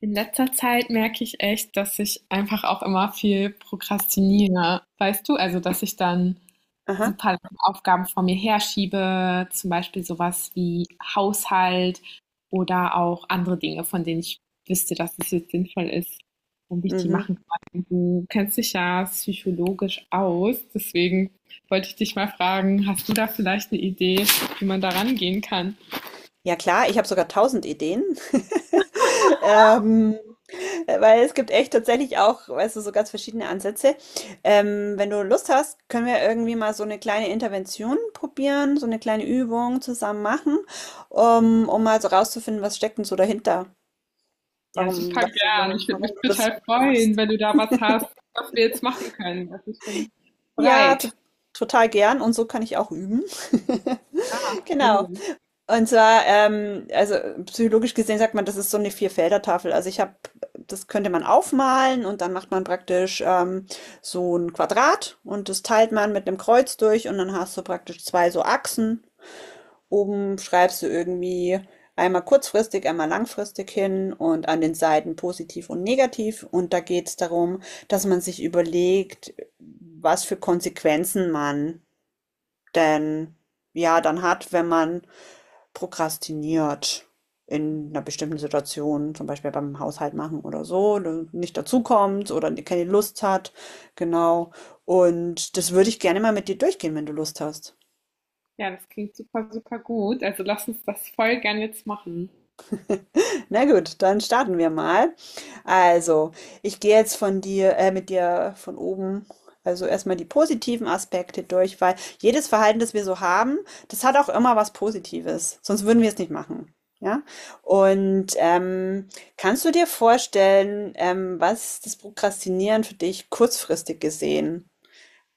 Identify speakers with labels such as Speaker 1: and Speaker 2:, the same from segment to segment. Speaker 1: In letzter Zeit merke ich echt, dass ich einfach auch immer viel prokrastiniere. Weißt du, also dass ich dann
Speaker 2: Aha,
Speaker 1: super lange Aufgaben vor mir herschiebe, zum Beispiel sowas wie Haushalt oder auch andere Dinge, von denen ich wüsste, dass es jetzt sinnvoll ist, damit ich die
Speaker 2: mhm.
Speaker 1: machen kann. Du kennst dich ja psychologisch aus, deswegen wollte ich dich mal fragen, hast du da vielleicht eine Idee, wie man da rangehen kann?
Speaker 2: Ja klar, ich habe sogar tausend Ideen. Ähm, weil es gibt echt tatsächlich auch, weißt du, so ganz verschiedene Ansätze. Wenn du Lust hast, können wir irgendwie mal so eine kleine Intervention probieren, so eine kleine Übung zusammen machen, um mal so rauszufinden, was steckt denn so dahinter?
Speaker 1: Ja,
Speaker 2: Warum,
Speaker 1: super
Speaker 2: weißt du,
Speaker 1: gern. Ich
Speaker 2: warum,
Speaker 1: würde
Speaker 2: warum
Speaker 1: mich
Speaker 2: du das
Speaker 1: total freuen,
Speaker 2: machst?
Speaker 1: wenn du da was hast, was wir jetzt machen können. Also ich bin
Speaker 2: Ja, to
Speaker 1: bereit.
Speaker 2: total gern und so kann ich auch üben.
Speaker 1: Ja,
Speaker 2: Genau.
Speaker 1: Willen.
Speaker 2: Und zwar, also psychologisch gesehen sagt man, das ist so eine Vierfelder-Tafel. Also ich habe, das könnte man aufmalen und dann macht man praktisch so ein Quadrat und das teilt man mit einem Kreuz durch und dann hast du praktisch zwei so Achsen. Oben schreibst du irgendwie einmal kurzfristig, einmal langfristig hin und an den Seiten positiv und negativ. Und da geht es darum, dass man sich überlegt, was für Konsequenzen man denn ja dann hat, wenn man prokrastiniert in einer bestimmten Situation, zum Beispiel beim Haushalt machen oder so, ne, nicht dazukommt oder ne keine Lust hat, genau. Und das würde ich gerne mal mit dir durchgehen, wenn du Lust hast.
Speaker 1: Ja, das klingt super, super gut. Also lass uns das voll gern jetzt machen.
Speaker 2: Na gut, dann starten wir mal. Also, ich gehe jetzt von dir, mit dir von oben, also erstmal die positiven Aspekte durch, weil jedes Verhalten, das wir so haben, das hat auch immer was Positives. Sonst würden wir es nicht machen. Ja? Und kannst du dir vorstellen, was das Prokrastinieren für dich kurzfristig gesehen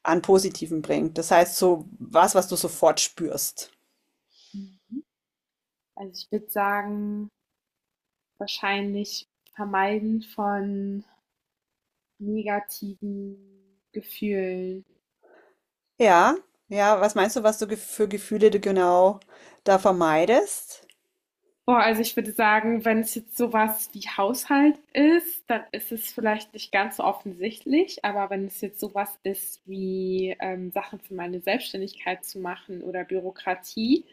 Speaker 2: an Positiven bringt? Das heißt, so was, was du sofort spürst.
Speaker 1: Also ich würde sagen, wahrscheinlich vermeiden von negativen Gefühlen.
Speaker 2: Ja, ja, was meinst du, was du gef für Gefühle du genau da vermeidest?
Speaker 1: Boah, also ich würde sagen, wenn es jetzt sowas wie Haushalt ist, dann ist es vielleicht nicht ganz so offensichtlich, aber wenn es jetzt sowas ist wie Sachen für meine Selbstständigkeit zu machen oder Bürokratie,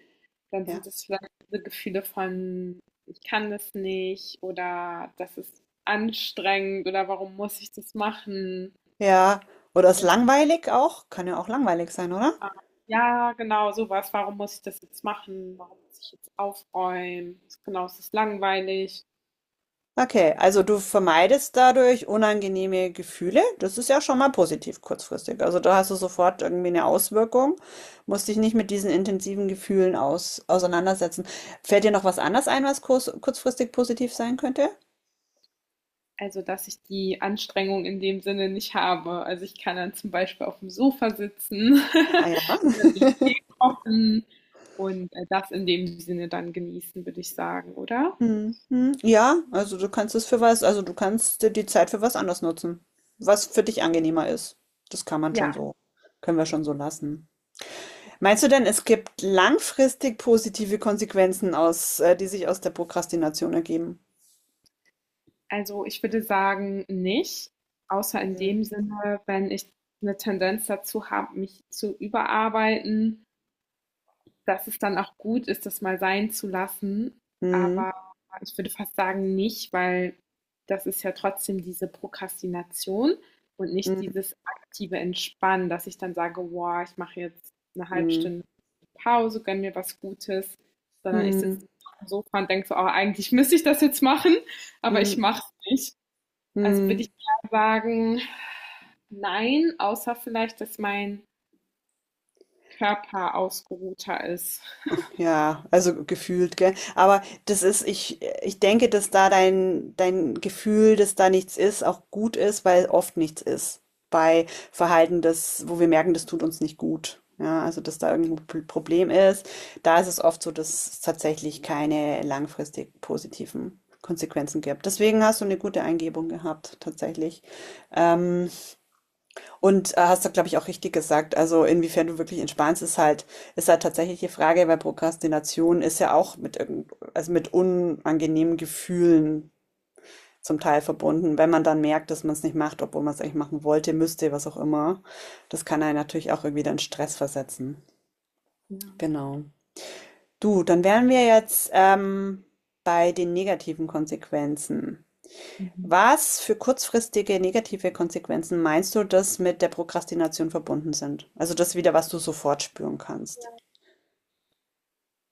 Speaker 1: dann sind
Speaker 2: Ja,
Speaker 1: es vielleicht diese Gefühle von, ich kann das nicht oder das ist anstrengend oder warum muss ich das machen?
Speaker 2: ja. Oder ist
Speaker 1: Vielleicht,
Speaker 2: langweilig auch? Kann ja auch langweilig sein, oder?
Speaker 1: ah, ja, genau, sowas. Warum muss ich das jetzt machen? Warum muss ich jetzt aufräuen? Genau, es ist langweilig.
Speaker 2: Okay, also du vermeidest dadurch unangenehme Gefühle. Das ist ja schon mal positiv kurzfristig. Also da hast du sofort irgendwie eine Auswirkung, musst dich nicht mit diesen intensiven Gefühlen auseinandersetzen. Fällt dir noch was anderes ein, was kurzfristig positiv sein könnte?
Speaker 1: Also, dass ich die Anstrengung in dem Sinne nicht habe. Also, ich kann dann zum Beispiel auf dem Sofa sitzen,
Speaker 2: Ah ja.
Speaker 1: mir den Tee kochen und, das in dem Sinne dann genießen, würde ich sagen, oder?
Speaker 2: Mhm. Ja, also du kannst es für was, also du kannst dir die Zeit für was anderes nutzen, was für dich angenehmer ist. Das kann man schon
Speaker 1: Ja,
Speaker 2: so, können wir schon so lassen. Meinst du denn, es gibt langfristig positive Konsequenzen die sich aus der Prokrastination ergeben?
Speaker 1: also ich würde sagen, nicht, außer in
Speaker 2: Mhm.
Speaker 1: dem Sinne, wenn ich eine Tendenz dazu habe, mich zu überarbeiten, dass es dann auch gut ist, das mal sein zu lassen.
Speaker 2: Mhm.
Speaker 1: Aber ich würde fast sagen, nicht, weil das ist ja trotzdem diese Prokrastination und nicht
Speaker 2: Mhm.
Speaker 1: dieses aktive Entspannen, dass ich dann sage, wow, ich mache jetzt eine halbe
Speaker 2: Mhm.
Speaker 1: Stunde Pause, gönne mir was Gutes, sondern ich sitze
Speaker 2: Mhm.
Speaker 1: auf dem Sofa und denke so, oh, eigentlich müsste ich das jetzt machen, aber ich
Speaker 2: Mhm.
Speaker 1: mache es nicht. Also würde ich
Speaker 2: Mhm.
Speaker 1: eher sagen, nein, außer vielleicht, dass mein Körper ausgeruhter ist.
Speaker 2: Ja, also gefühlt, gell? Aber das ist, ich denke, dass da dein, dein Gefühl, dass da nichts ist, auch gut ist, weil oft nichts ist. Bei Verhalten, das, wo wir merken, das tut uns nicht gut. Ja, also dass da irgendein Problem ist. Da ist es oft so, dass es tatsächlich keine langfristig positiven Konsequenzen gibt. Deswegen hast du eine gute Eingebung gehabt, tatsächlich. Ähm, und hast du, glaube ich, auch richtig gesagt. Also inwiefern du wirklich entspannst, ist halt tatsächlich die Frage, weil Prokrastination ist ja auch also mit unangenehmen Gefühlen zum Teil verbunden. Wenn man dann merkt, dass man es nicht macht, obwohl man es eigentlich machen wollte, müsste, was auch immer, das kann einen natürlich auch irgendwie dann Stress versetzen.
Speaker 1: Ja.
Speaker 2: Genau. Du, dann wären wir jetzt bei den negativen Konsequenzen.
Speaker 1: Mhm.
Speaker 2: Was für kurzfristige negative Konsequenzen meinst du, dass mit der Prokrastination verbunden sind? Also das wieder, was du sofort spüren kannst.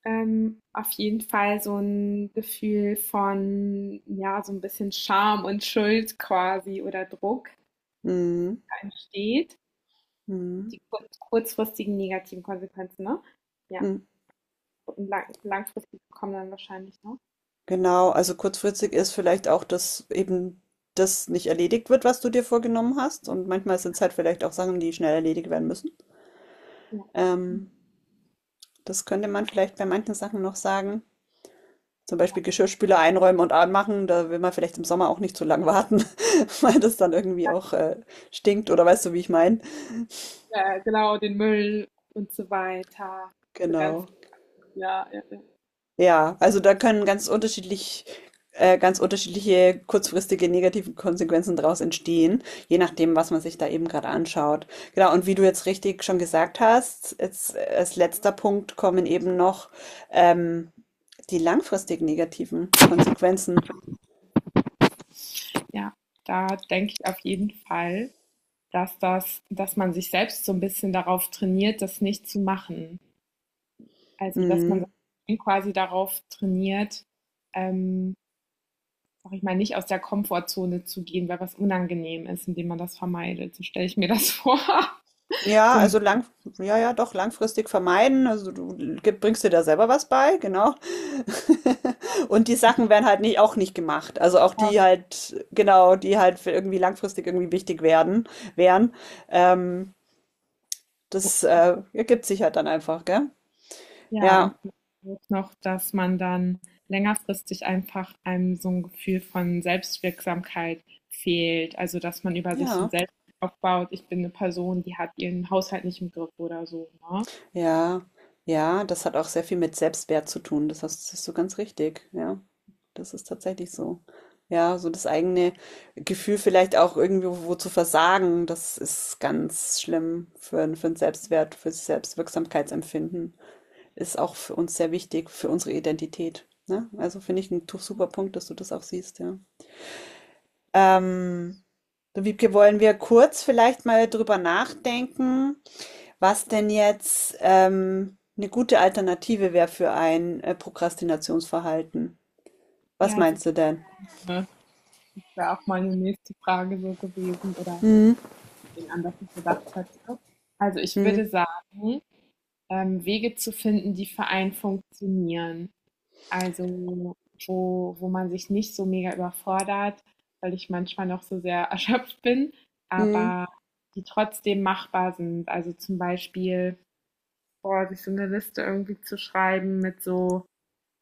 Speaker 1: Auf jeden Fall so ein Gefühl von, ja, so ein bisschen Scham und Schuld quasi oder Druck,
Speaker 2: Mhm.
Speaker 1: der entsteht.
Speaker 2: Mhm.
Speaker 1: Die kurzfristigen negativen Konsequenzen, ne? Ja,
Speaker 2: Mhm.
Speaker 1: und langfristig kommen dann wahrscheinlich, ne?
Speaker 2: Genau, also kurzfristig ist vielleicht auch, dass eben das nicht erledigt wird, was du dir vorgenommen hast. Und manchmal sind es halt vielleicht auch Sachen, die schnell erledigt werden müssen.
Speaker 1: Ja.
Speaker 2: Ähm, das könnte man vielleicht bei manchen Sachen noch sagen. Zum Beispiel Geschirrspüler einräumen und anmachen. Da will man vielleicht im Sommer auch nicht zu lang warten, weil das dann irgendwie auch stinkt oder weißt du, wie ich meine.
Speaker 1: Ja, genau, den Müll und so weiter. So ganz
Speaker 2: Genau.
Speaker 1: ja, ja, ja.
Speaker 2: Ja, also da können ganz unterschiedliche kurzfristige negative Konsequenzen daraus entstehen, je nachdem, was man sich da eben gerade anschaut. Genau, und wie du jetzt richtig schon gesagt hast, jetzt als letzter Punkt kommen eben noch ähm, die langfristig negativen Konsequenzen.
Speaker 1: Ja, da denke ich auf jeden Fall, dass man sich selbst so ein bisschen darauf trainiert, das nicht zu machen. Also, dass man
Speaker 2: Mhm.
Speaker 1: quasi darauf trainiert, ähm, sag ich mal, nicht aus der Komfortzone zu gehen, weil was unangenehm ist, indem man das vermeidet. So stelle ich mir das vor.
Speaker 2: Ja,
Speaker 1: So ein-
Speaker 2: also ja, ja, doch, langfristig vermeiden. Also du bringst dir da selber was bei, genau. Und die Sachen werden halt nicht, auch nicht gemacht. Also auch die halt, genau, die halt für irgendwie langfristig irgendwie wichtig werden, wären. Ähm, das ergibt sich halt dann einfach, gell?
Speaker 1: ja, und
Speaker 2: Ja,
Speaker 1: auch noch, dass man dann längerfristig einfach einem so ein Gefühl von Selbstwirksamkeit fehlt. Also, dass man über sich so ein
Speaker 2: ja,
Speaker 1: Selbst aufbaut. Ich bin eine Person, die hat ihren Haushalt nicht im Griff oder so. Ne?
Speaker 2: ja, ja, das hat auch sehr viel mit Selbstwert zu tun. Das ist so ganz richtig, ja. Das ist tatsächlich so. Ja, so das eigene Gefühl vielleicht auch irgendwo wo zu versagen, das ist ganz schlimm für den Selbstwert, für das Selbstwirksamkeitsempfinden. Ist auch für uns sehr wichtig, für unsere Identität. Ne? Also finde ich ein super Punkt, dass du das auch siehst, ja. Ähm, Du Wiebke, wollen wir kurz vielleicht mal drüber nachdenken, was denn jetzt eine gute Alternative wäre für ein Prokrastinationsverhalten? Was
Speaker 1: Ja,
Speaker 2: meinst
Speaker 1: super.
Speaker 2: du denn?
Speaker 1: Das wäre auch meine nächste Frage so gewesen. Oder
Speaker 2: Hm,
Speaker 1: ihn an, was ich gedacht hatte. Also ich würde
Speaker 2: hm.
Speaker 1: sagen, Wege zu finden, die für einen funktionieren. Also wo man sich nicht so mega überfordert, weil ich manchmal noch so sehr erschöpft bin,
Speaker 2: Mhm.
Speaker 1: aber die trotzdem machbar sind. Also zum Beispiel, boah, sich so eine Liste irgendwie zu schreiben mit so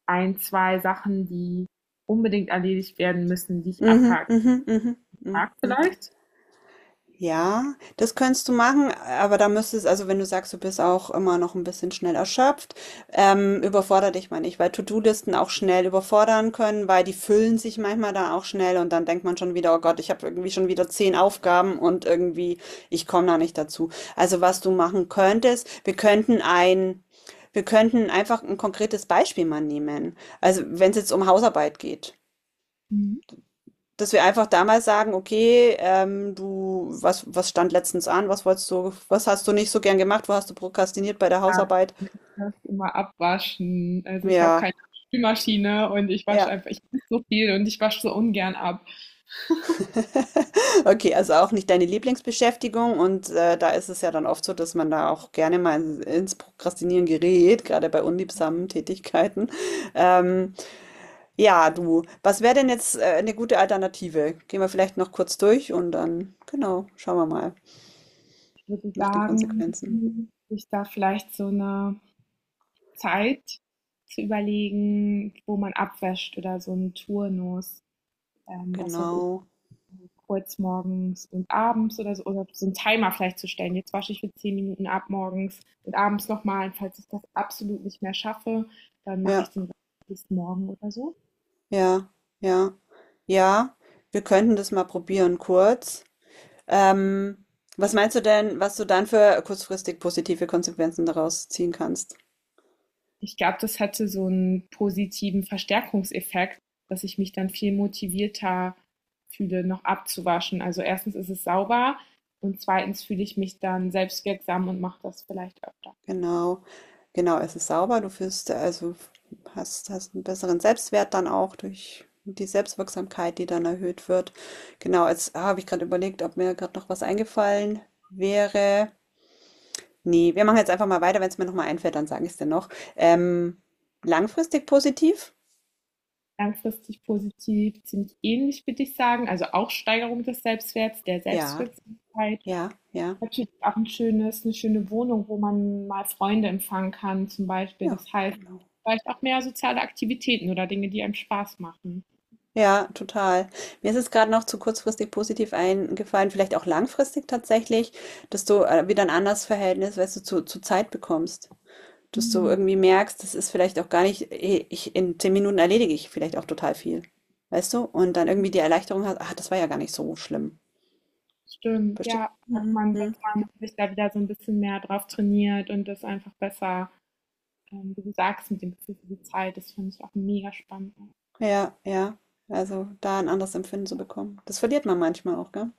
Speaker 1: ein, zwei Sachen, die unbedingt erledigt werden müssen, die ich
Speaker 2: Mhm,
Speaker 1: abhaken
Speaker 2: mhm, mhm, mhm,
Speaker 1: mag
Speaker 2: mhm.
Speaker 1: vielleicht.
Speaker 2: Ja, das könntest du machen, aber da müsstest, also wenn du sagst, du bist auch immer noch ein bisschen schnell erschöpft, überfordere dich mal nicht, weil To-Do-Listen auch schnell überfordern können, weil die füllen sich manchmal dann auch schnell und dann denkt man schon wieder, oh Gott, ich habe irgendwie schon wieder 10 Aufgaben und irgendwie, ich komme da nicht dazu. Also was du machen könntest, wir könnten einfach ein konkretes Beispiel mal nehmen. Also wenn es jetzt um Hausarbeit geht,
Speaker 1: Mhm.
Speaker 2: dass wir einfach damals sagen, okay, du, was stand letztens an? Was wolltest du, was hast du nicht so gern gemacht? Wo hast du prokrastiniert bei der Hausarbeit?
Speaker 1: Das immer abwaschen. Also, ich habe
Speaker 2: Ja,
Speaker 1: keine Spülmaschine und ich wasche
Speaker 2: ja.
Speaker 1: einfach ich esse so viel und ich wasche so ungern ab.
Speaker 2: Okay, also auch nicht deine Lieblingsbeschäftigung und da ist es ja dann oft so, dass man da auch gerne mal ins Prokrastinieren gerät, gerade bei unliebsamen Tätigkeiten. Ähm, ja, du, was wäre denn jetzt eine gute Alternative? Gehen wir vielleicht noch kurz durch und dann, genau, schauen wir mal
Speaker 1: Ich würde
Speaker 2: nach den
Speaker 1: sagen,
Speaker 2: Konsequenzen.
Speaker 1: sich da vielleicht so eine Zeit zu überlegen, wo man abwäscht oder so einen Turnus, was weiß ich,
Speaker 2: Genau.
Speaker 1: kurz morgens und abends oder so 'n Timer vielleicht zu stellen. Jetzt wasche ich für 10 Minuten ab morgens und abends nochmal. Und falls ich das absolut nicht mehr schaffe, dann mache ich
Speaker 2: Ja.
Speaker 1: den Rest bis morgen oder so.
Speaker 2: Ja, ja, ja. Wir könnten das mal probieren, kurz. Ähm, Was meinst du denn, was du dann für kurzfristig positive Konsequenzen daraus ziehen kannst?
Speaker 1: Ich glaube, das hatte so einen positiven Verstärkungseffekt, dass ich mich dann viel motivierter fühle, noch abzuwaschen. Also erstens ist es sauber und zweitens fühle ich mich dann selbstwirksam und mache das vielleicht öfter.
Speaker 2: Genau, genau, es ist sauber, also hast einen besseren Selbstwert dann auch durch die Selbstwirksamkeit, die dann erhöht wird. Genau, jetzt habe ich gerade überlegt, ob mir gerade noch was eingefallen wäre. Nee, wir machen jetzt einfach mal weiter. Wenn es mir nochmal einfällt, dann sage ich es dir noch. Ähm, Langfristig positiv?
Speaker 1: Langfristig positiv, ziemlich ähnlich würde ich sagen. Also auch Steigerung des Selbstwerts, der
Speaker 2: Ja,
Speaker 1: Selbstwirksamkeit.
Speaker 2: ja, ja.
Speaker 1: Natürlich auch ein schönes, eine schöne Wohnung, wo man mal Freunde empfangen kann, zum Beispiel.
Speaker 2: Ja,
Speaker 1: Das heißt,
Speaker 2: genau.
Speaker 1: vielleicht auch mehr soziale Aktivitäten oder Dinge, die einem Spaß machen.
Speaker 2: Ja, total. Mir ist es gerade noch zu kurzfristig positiv eingefallen, vielleicht auch langfristig tatsächlich, dass du wieder ein anderes Verhältnis, weißt du, zu Zeit bekommst. Dass du
Speaker 1: Mhm.
Speaker 2: irgendwie merkst, das ist vielleicht auch gar nicht, in 10 Minuten erledige ich vielleicht auch total viel. Weißt du? Und dann irgendwie die Erleichterung hast, ach, das war ja gar nicht so schlimm.
Speaker 1: Stimmt,
Speaker 2: Verstehst
Speaker 1: ja,
Speaker 2: du?
Speaker 1: dass
Speaker 2: Mhm.
Speaker 1: man dass
Speaker 2: Mhm.
Speaker 1: man sich da wieder so ein bisschen mehr drauf trainiert und das einfach besser, wie du sagst, mit dem Gefühl für die Zeit, das finde ich auch mega spannend.
Speaker 2: Ja, ja. Also da ein anderes Empfinden zu bekommen. Das verliert man manchmal auch, gell?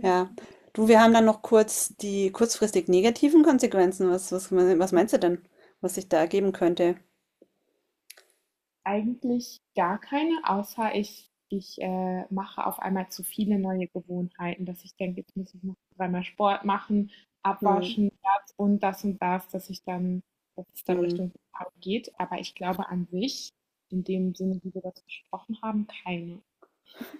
Speaker 2: Ja. Du, wir haben dann noch kurz die kurzfristig negativen Konsequenzen. Was meinst du denn, was sich da ergeben könnte?
Speaker 1: Eigentlich gar keine, außer ich mache auf einmal zu viele neue Gewohnheiten, dass ich denke, jetzt muss ich noch dreimal Sport machen,
Speaker 2: Hm,
Speaker 1: abwaschen, das und das und das, dass es dann
Speaker 2: hm.
Speaker 1: Richtung Burnout geht. Aber ich glaube an sich, in dem Sinne, wie wir das besprochen haben, keine.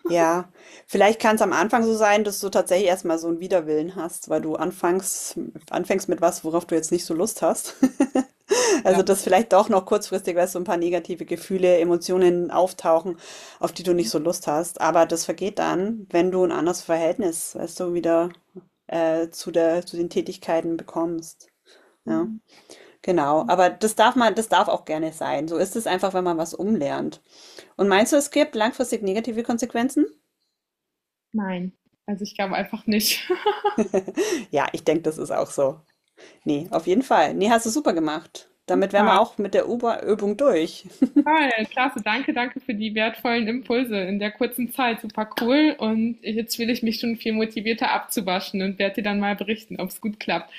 Speaker 2: Ja, vielleicht kann es am Anfang so sein, dass du tatsächlich erstmal so einen Widerwillen hast, weil du anfängst mit was, worauf du jetzt nicht so Lust hast. Also,
Speaker 1: Ja.
Speaker 2: dass vielleicht doch noch kurzfristig weißt, du so ein paar negative Gefühle, Emotionen auftauchen, auf die du nicht so Lust hast. Aber das vergeht dann, wenn du ein anderes Verhältnis, weißt du, wieder zu den Tätigkeiten bekommst. Ja, genau. Aber das darf man, das darf auch gerne sein. So ist es einfach, wenn man was umlernt. Und meinst du, es gibt langfristig negative Konsequenzen?
Speaker 1: Nein, also ich glaube einfach nicht.
Speaker 2: Ja, ich denke, das ist auch so. Nee, auf jeden Fall. Nee, hast du super gemacht. Damit wären
Speaker 1: Ja,
Speaker 2: wir auch mit der Uber-Übung durch.
Speaker 1: toll, klasse, danke, danke für die wertvollen Impulse in der kurzen Zeit. Super cool. Und jetzt fühle ich mich schon viel motivierter abzuwaschen und werde dir dann mal berichten, ob es gut klappt.